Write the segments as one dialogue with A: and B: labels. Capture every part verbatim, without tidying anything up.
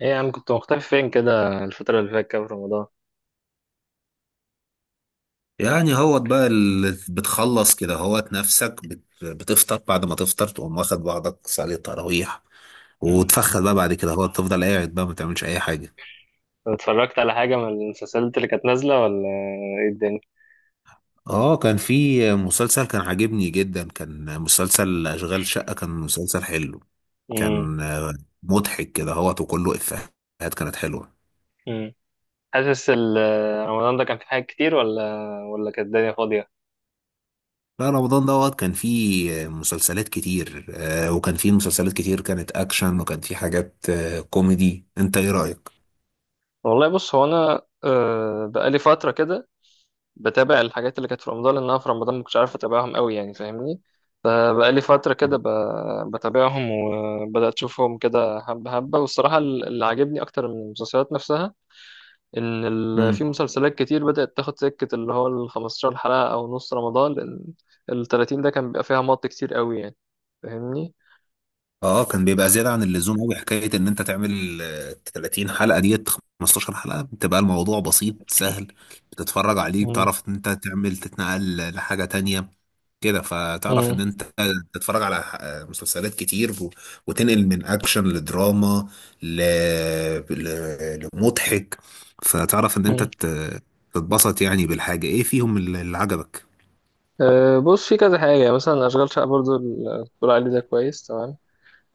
A: ايه يا عم، كنت مختفي فين كده الفترة اللي فاتت كده في رمضان؟
B: يعني هو بقى اللي بتخلص كده هوت نفسك بت- بتفطر بعد ما تفطر تقوم واخد بعضك صلي التراويح.
A: مم.
B: وتفخد بقى بعد كده هو تفضل قاعد بقى ما تعملش اي حاجه.
A: اتفرجت على حاجة من المسلسلات اللي كانت نازلة ولا ايه الدنيا؟
B: اه، كان في مسلسل كان عاجبني جدا، كان مسلسل اشغال شقه، كان مسلسل حلو.
A: مم.
B: كان مضحك كده هوت وكله افيهات كانت حلوه.
A: مم. حاسس ال- رمضان ده كان في حاجات كتير ولا ولا كانت الدنيا فاضية؟
B: لا، رمضان دوت كان فيه مسلسلات كتير، آه، وكان فيه مسلسلات كتير كانت اكشن، وكان فيه حاجات آه، كوميدي. انت ايه رايك؟
A: والله بص، هو انا آه، بقالي فترة كده بتابع الحاجات اللي كانت في رمضان، لان انا في رمضان ما كنتش عارف اتابعهم قوي، يعني فاهمني. فبقالي فترة كده ب- بتابعهم وبدأت اشوفهم كده حبة حبة. والصراحة اللي عاجبني اكتر من المسلسلات نفسها ان ال... في
B: مم.
A: مسلسلات كتير بدأت تاخد سكة اللي هو ال خمسة عشر حلقة او نص رمضان، لان ال ثلاثين ده كان بيبقى فيها مط كتير قوي يعني، فاهمني.
B: اه، كان بيبقى زيادة عن اللزوم قوي حكاية ان انت تعمل آه، تلاتين حلقة ديت. خمستاشر حلقة بتبقى الموضوع بسيط سهل، بتتفرج عليه،
A: مم.
B: بتعرف ان انت تعمل تتنقل لحاجة تانية كده. فتعرف
A: مم.
B: ان انت تتفرج على آه، مسلسلات كتير، و- وتنقل من اكشن لدراما ل... ل... لمضحك. فتعرف ان انت
A: مم.
B: ت- تتبسط، يعني بالحاجة ايه فيهم اللي اللي عجبك.
A: أه بص، في كذا حاجة يعني، مثلا أشغال شقة برضو ال- بتقول عليه ده، كويس تمام.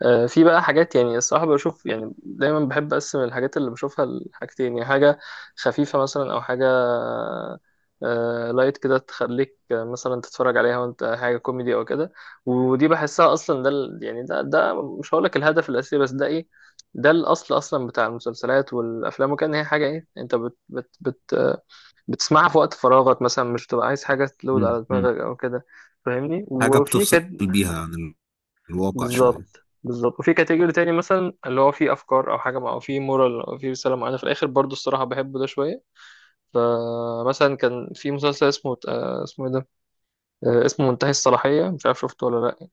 A: آه، في بقى حاجات يعني الصراحة بشوف، يعني دايما بحب أقسم الحاجات اللي بشوفها لحاجتين، يعني حاجة خفيفة مثلا أو حاجة آه، لايت كده تخليك آه، مثلا تتفرج عليها وأنت حاجة كوميدي أو كده. ودي بحسها أصلا ده ال- يعني ده ده مش هقولك الهدف الأساسي، بس ده إيه؟ ده الأصل أصلا بتاع المسلسلات والأفلام، وكان هي حاجة إيه، أنت بت بت بت آه، بتسمعها في وقت فراغك مثلا، مش تبقى عايز حاجة تلود
B: مم.
A: على
B: مم.
A: دماغك أو كده، فاهمني.
B: حاجة
A: وفي
B: بتفصل
A: كانت
B: بيها عن الواقع شوية.
A: بالظبط بالظبط. وفي كاتيجوري تاني مثلا اللي هو فيه افكار او حاجه مع- او فيه مورال او فيه رساله معينه في الاخر، برضو الصراحه بحبه ده شويه. فمثلا كان في مسلسل اسمه آه، اسمه ايه ده آه، اسمه منتهي الصلاحيه، مش عارف شفته ولا لا.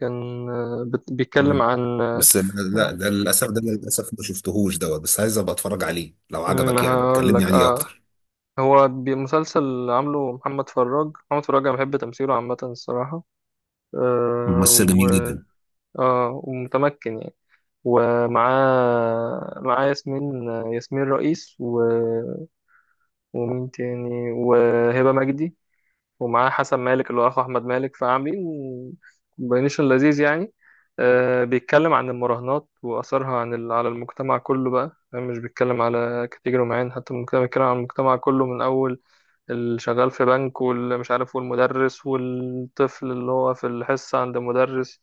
A: كان آه، بت- بيتكلم
B: مم.
A: عن آه،
B: بس لا، ده للاسف ده للاسف ما شفتهوش دوت، بس عايز ابقى اتفرج عليه. لو
A: ما
B: عجبك يعني
A: هقول
B: كلمني
A: لك.
B: عليه
A: اه،
B: اكتر.
A: هو بي- مسلسل عامله محمد فراج. محمد فراج انا بحب تمثيله عامه الصراحه. آه
B: ممثل جميل
A: و...
B: جدا.
A: اه، ومتمكن يعني. ومعاه معاه ياسمين، ياسمين رئيس، و... ومين تاني، وهبة مجدي. ومعاه حسن مالك اللي هو أخو أحمد مالك. فعاملين كومبينيشن لذيذ يعني. آه، بيتكلم عن المراهنات وأثرها عن ال... على المجتمع كله بقى، يعني مش بيتكلم على كاتيجوري معين حتى المجتمع، بيتكلم عن المجتمع كله، من أول اللي شغال في بنك واللي مش عارف والمدرس والطفل اللي هو في الحصة عند المدرس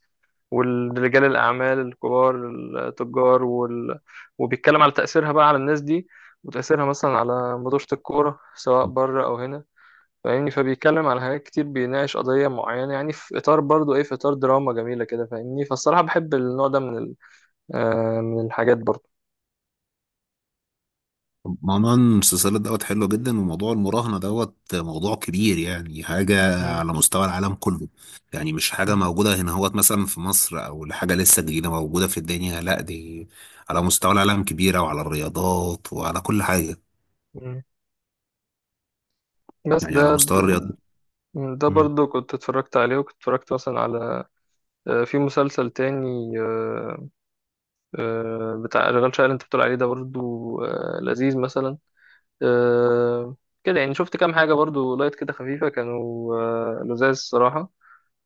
A: والرجال الأعمال الكبار، التجار وال... وبيتكلم على تأثيرها بقى على الناس دي، وتأثيرها مثلا على مدرسة الكورة سواء بره أو هنا، فاهمني. فبيتكلم على حاجات كتير، بيناقش قضية معينة يعني، في إطار برضو إيه، في إطار دراما جميلة كده، فاهمني. فالصراحة بحب النوع ده من ال... آه من الحاجات برضو.
B: موضوع المسلسلات دوت حلو جدا، وموضوع المراهنة دوت موضوع كبير، يعني حاجة
A: م-
B: على مستوى العالم كله. يعني مش حاجة
A: م-
B: موجودة هنا هوت مثلا في مصر، أو حاجة لسه جديدة موجودة في الدنيا. لا، دي على مستوى العالم كبيرة، وعلى الرياضات وعلى كل حاجة.
A: م. بس
B: يعني على
A: ده
B: مستوى
A: ده
B: الرياضات.
A: ده
B: مم.
A: برضو كنت اتفرجت عليه، وكنت اتفرجت مثلا على آه، في مسلسل تاني آه، آه، بتاع شغال شقة اللي انت بتقول عليه ده برضو آه، لذيذ مثلا. آه، كده يعني شفت كام حاجة برضو لايت كده خفيفة، كانوا آه، لذاذ الصراحة.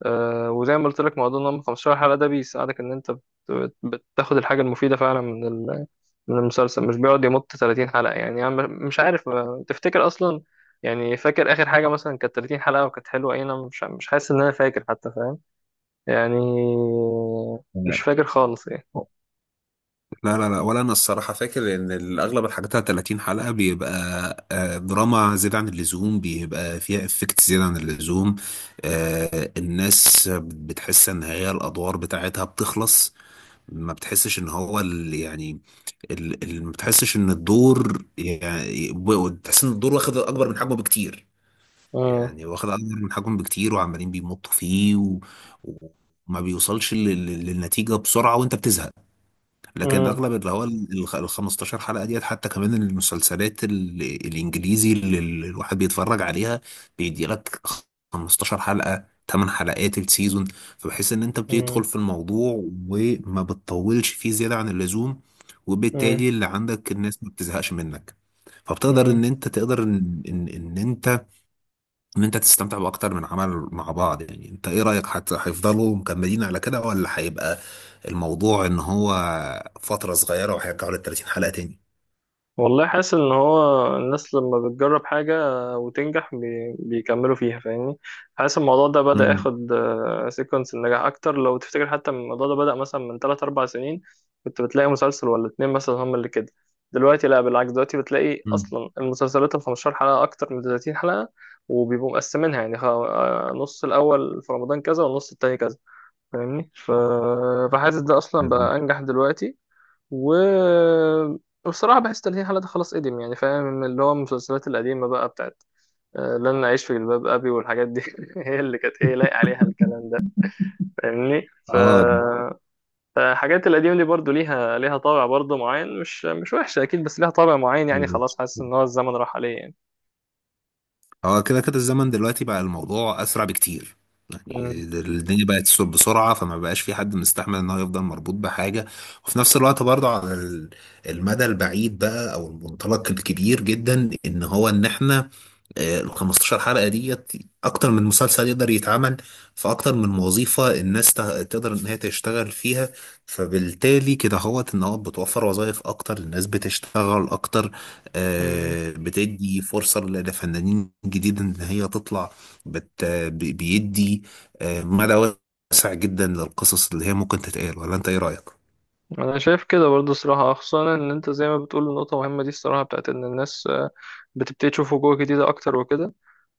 A: آه، وزي ما قلت لك، موضوع ان هم خمستاشر حلقة ده بيساعدك ان انت بت- بتاخد الحاجة المفيدة فعلا من ال- من المسلسل، مش بيقعد يمط ثلاثين حلقة. يعني يعني مش عارف آه، تفتكر اصلا، يعني فاكر اخر حاجة مثلا كانت تلاتين حلقة وكانت حلوة ايه؟ انا مش مش حاسس ان انا فاكر حتى يعني، مش فاكر خالص يعني.
B: لا لا لا، ولا انا الصراحه فاكر ان اغلب الحاجات على تلاتين حلقه بيبقى آه، دراما زياده عن اللزوم، بيبقى فيها افكت زياده عن اللزوم. آه، الناس بتحس ان هي الادوار بتاعتها بتخلص. ما بتحسش ان هو ال- يعني ال- ال- ما بتحسش ان الدور، يعني ب- بتحس ان الدور واخد اكبر من حجمه بكتير.
A: مم.
B: يعني واخد اكبر من حجمه بكتير، وعمالين بيمطوا فيه و... وما بيوصلش لل- لل- للنتيجه بسرعه، وانت بتزهق. لكن
A: مم.
B: اغلب اللي هو ال ال خمستاشر حلقه ديت، حتى كمان المسلسلات ال- الانجليزي اللي ال- الواحد بيتفرج عليها بيدي لك خمستاشر حلقه، تمن حلقات السيزون، فبحيث ان انت بتدخل
A: مم.
B: في الموضوع، وما بتطولش فيه زياده عن اللزوم،
A: مم.
B: وبالتالي اللي عندك الناس ما بتزهقش منك. فبتقدر
A: مم.
B: ان انت تقدر ان ان, إن انت ان انت تستمتع باكتر من عمل مع بعض. يعني انت ايه رأيك؟ حتى هيفضلوا مكملين على كده، ولا هيبقى الموضوع ان هو فترة صغيرة وهيرجعوا لل تلاتين حلقة تاني؟
A: والله حاسس ان هو الناس لما بتجرب حاجة وتنجح بي... بيكملوا فيها، فاهمني. حاسس الموضوع ده بدأ
B: مم.
A: ياخد سيكونس النجاح اكتر. لو تفتكر حتى الموضوع ده بدأ مثلا من ثلاث اربع سنين، كنت بتلاقي مسلسل ولا اتنين مثلا هم اللي كده. دلوقتي لا، بالعكس، دلوقتي بتلاقي
B: مم.
A: اصلا المسلسلات ال خمستاشر حلقة اكتر من تلاتين حلقة، وبيبقوا مقسمينها يعني، خ- آه، نص الاول في رمضان كذا والنص التاني كذا، فاهمني. ف... فحاسس ده اصلا
B: جميل.
A: بقى انجح دلوقتي. و وبصراحة بحس تلهي حالة ده خلاص قديم يعني، فاهم، اللي هو المسلسلات القديمة بقى بتاعت آه، لن أعيش في جلباب أبي والحاجات دي. هي اللي كانت إيه، لايق عليها الكلام ده، فاهمني. ف...
B: اه،
A: فالحاجات القديمة دي برضو ليها ليها طابع برضو معين، مش مش وحشة أكيد، بس ليها طابع معين يعني،
B: بالظبط.
A: خلاص حاسس إن هو الزمن راح عليه يعني.
B: اه، كده كده الزمن دلوقتي بقى الموضوع اسرع بكتير. يعني الدنيا بقت تسوق بسرعة، فما بقاش في حد مستحمل ان هو يفضل مربوط بحاجة. وفي نفس الوقت برضه على ال- المدى البعيد بقى، او المنطلق الكبير جدا، ان هو ان احنا آه، ال خمستاشر حلقة ديت أكتر من مسلسل يقدر يتعمل، في أكتر من وظيفة الناس ت- تقدر إن هي تشتغل فيها. فبالتالي كده هوت إن هو بتوفر وظائف أكتر، الناس بتشتغل أكتر.
A: مم.
B: آه، بتدي فرصة ل- لفنانين جديد إن هي تطلع. بت بي- بيدي آه، مدى واسع جدا للقصص اللي هي ممكن تتقال. ولا أنت إيه رأيك؟
A: انا شايف كده برضه الصراحه، خصوصا ان انت زي ما بتقول نقطه مهمه دي الصراحه، بتاعت ان الناس آه، بتبتدي تشوف وجوه جديده اكتر وكده،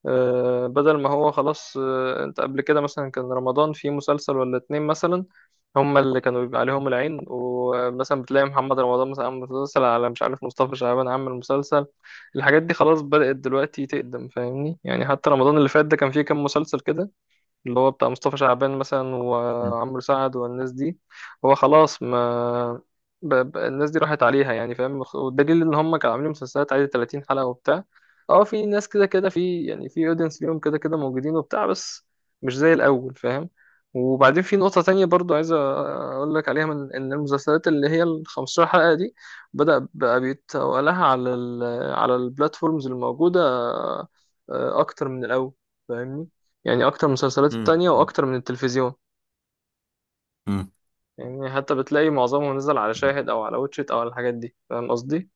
A: آه، بدل ما هو خلاص. آه، انت قبل كده مثلا كان رمضان فيه مسلسل ولا اتنين مثلا، هما اللي كانوا بيبقى عليهم العين، ومثلا بتلاقي محمد رمضان مثلا عامل مسلسل، على مش عارف مصطفى شعبان عامل مسلسل. الحاجات دي خلاص بدأت دلوقتي تقدم، فاهمني. يعني حتى رمضان اللي فات ده كان فيه كام مسلسل كده اللي هو بتاع مصطفى شعبان مثلا
B: مم.
A: وعمرو سعد والناس دي، هو خلاص ما ب... ب... الناس دي راحت عليها يعني، فاهم. والدليل ان هم كانوا عاملين مسلسلات عادي تلاتين حلقة وبتاع. اه، في ناس كده كده، في يعني في اودينس ليهم كده كده موجودين وبتاع، بس مش زي الاول، فاهم. وبعدين في نقطة تانية برضو عايز أقول لك عليها، من إن المسلسلات اللي هي ال خمسة عشر حلقة دي بدأ بقى بيتوالها على ال على البلاتفورمز الموجودة آه، أكتر من الأول، فاهمني. يعني اكتر من المسلسلات
B: مم.
A: التانية واكتر من التلفزيون. يعني حتى بتلاقي معظمهم نزل على
B: مم.
A: شاهد او على واتشيت او على الحاجات دي، فاهم قصدي.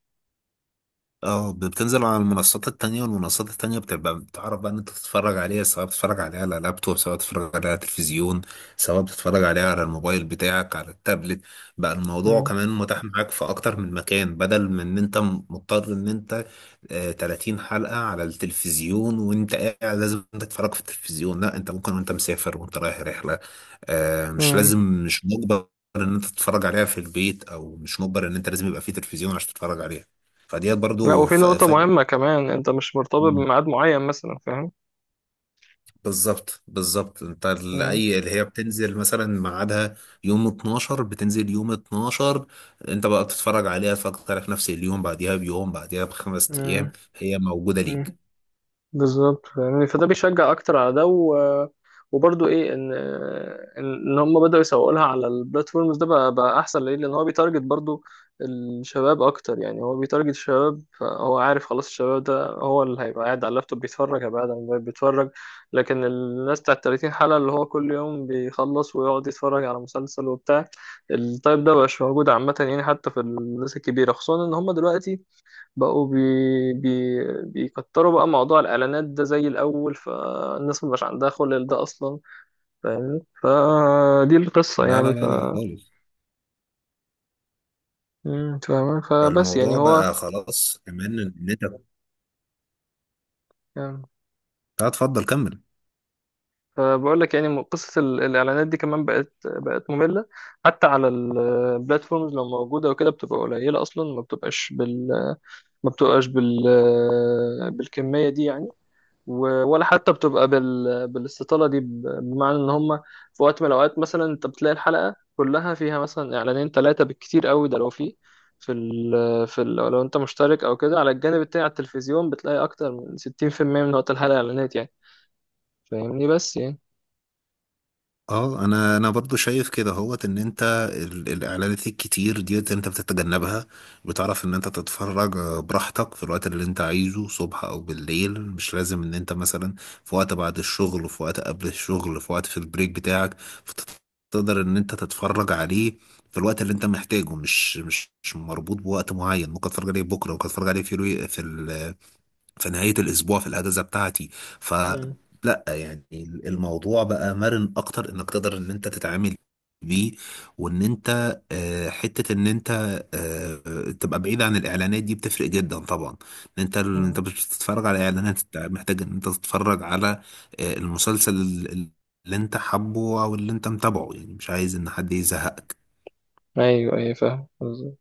B: اه، بتنزل على المنصات التانية، والمنصات التانية بتبقى بتعرف بقى ان انت تتفرج عليها، سواء بتتفرج عليها على لابتوب، سواء بتتفرج عليها على تلفزيون، سواء بتتفرج عليها على الموبايل بتاعك، على التابلت. بقى الموضوع
A: مم.
B: كمان متاح معاك في اكتر من مكان، بدل من ان انت مضطر ان انت آه، تلاتين حلقة على التلفزيون وانت قاعد لازم تتفرج في التلفزيون. لا، انت ممكن وانت مسافر، وانت رايح رحلة. آه، مش
A: مم.
B: لازم، مش مجبر ان انت تتفرج عليها في البيت، او مش مجبر ان انت لازم يبقى في تلفزيون عشان تتفرج عليها. فديت
A: لا،
B: برضو
A: وفي
B: ف-
A: نقطة
B: فارق.
A: مهمة كمان، انت مش مرتبط
B: مم.
A: بميعاد معين مثلا، فاهم.
B: بالظبط بالظبط، انت ال- اي اللي هي بتنزل مثلا ميعادها يوم اتناشر، بتنزل يوم اتناشر، انت بقى بتتفرج عليها فاكتر، في نفس اليوم بعديها، بيوم بعديها، بخمس ايام
A: مم.
B: هي موجودة
A: مم.
B: ليك.
A: بالظبط. يعني فده بيشجع اكتر على ده و... وبرضه ايه، ان ان إن هم بداوا يسوقوا لها على البلاتفورمز ده بقى، بقى احسن ليه، لان هو بيتارجت برضه الشباب اكتر. يعني هو بيتارجت الشباب، فهو عارف خلاص الشباب ده هو اللي هيبقى قاعد على اللابتوب بيتفرج، هيبقى قاعد على الموبايل بيتفرج. لكن الناس بتاع تلاتين حلقة اللي هو كل يوم بيخلص ويقعد يتفرج على مسلسل وبتاع، التايب ده مبقاش موجود عامة يعني. حتى في الناس الكبيرة، خصوصا ان هم دلوقتي بقوا بي... بي... بيكتروا بقى موضوع الإعلانات ده زي الأول، فالناس مبقاش عندها خلل ده أصلا، فاهمني. فدي القصة
B: لا لا
A: يعني ف
B: لا لا، خالص.
A: مم، فاهمة. فبس يعني
B: الموضوع
A: هو،
B: بقى خلاص كمان ان انت، لا.
A: يعني
B: اتفضل كمل.
A: فبقول لك يعني، م- قصة ال- الإعلانات دي كمان بقت بقت مملة. حتى على البلاتفورمز لو موجودة وكده بتبقى قليلة أصلا، ما بتبقاش بال ما بتبقاش بال بالكمية دي يعني. و- ولا حتى بتبقى بال... بالاستطالة دي، ب- بمعنى ان هم في وقت من الاوقات مثلا انت بتلاقي الحلقة كلها فيها مثلا اعلانين ثلاثة بالكتير قوي. ده لو في في ال... في ال... لو انت مشترك او كده، على الجانب التاني على التلفزيون بتلاقي اكتر من ستين في المية من وقت الحلقة اعلانات يعني، فاهمني بس يعني.
B: اه، انا انا برضو شايف كده هوت ان انت ال- الاعلانات الكتير ديت انت بتتجنبها. بتعرف ان انت تتفرج آه، براحتك، في الوقت اللي انت عايزه، صبح او بالليل. مش لازم ان انت مثلا في وقت بعد الشغل، في وقت قبل الشغل، في وقت في البريك بتاعك. فتقدر ان انت تتفرج عليه في الوقت اللي انت محتاجه. مش مش مش مربوط بوقت معين. ممكن تتفرج عليه بكره، ممكن تتفرج عليه في الوي- في في نهاية الأسبوع، في الأجازة بتاعتي.
A: امم،
B: فلا يعني الموضوع بقى مرن أكتر، إنك تقدر إن أنت تتعامل بيه. وإن أنت آه، حتة إن أنت آه، تبقى بعيد عن الإعلانات دي، بتفرق جدا طبعا. إن أنت أنت مش بتتفرج على إعلانات، أنت محتاج إن أنت تتفرج على آه، المسلسل اللي أنت حابه أو اللي أنت متابعه، يعني مش عايز إن حد يزهقك.
A: ايوه ايوه فاهم.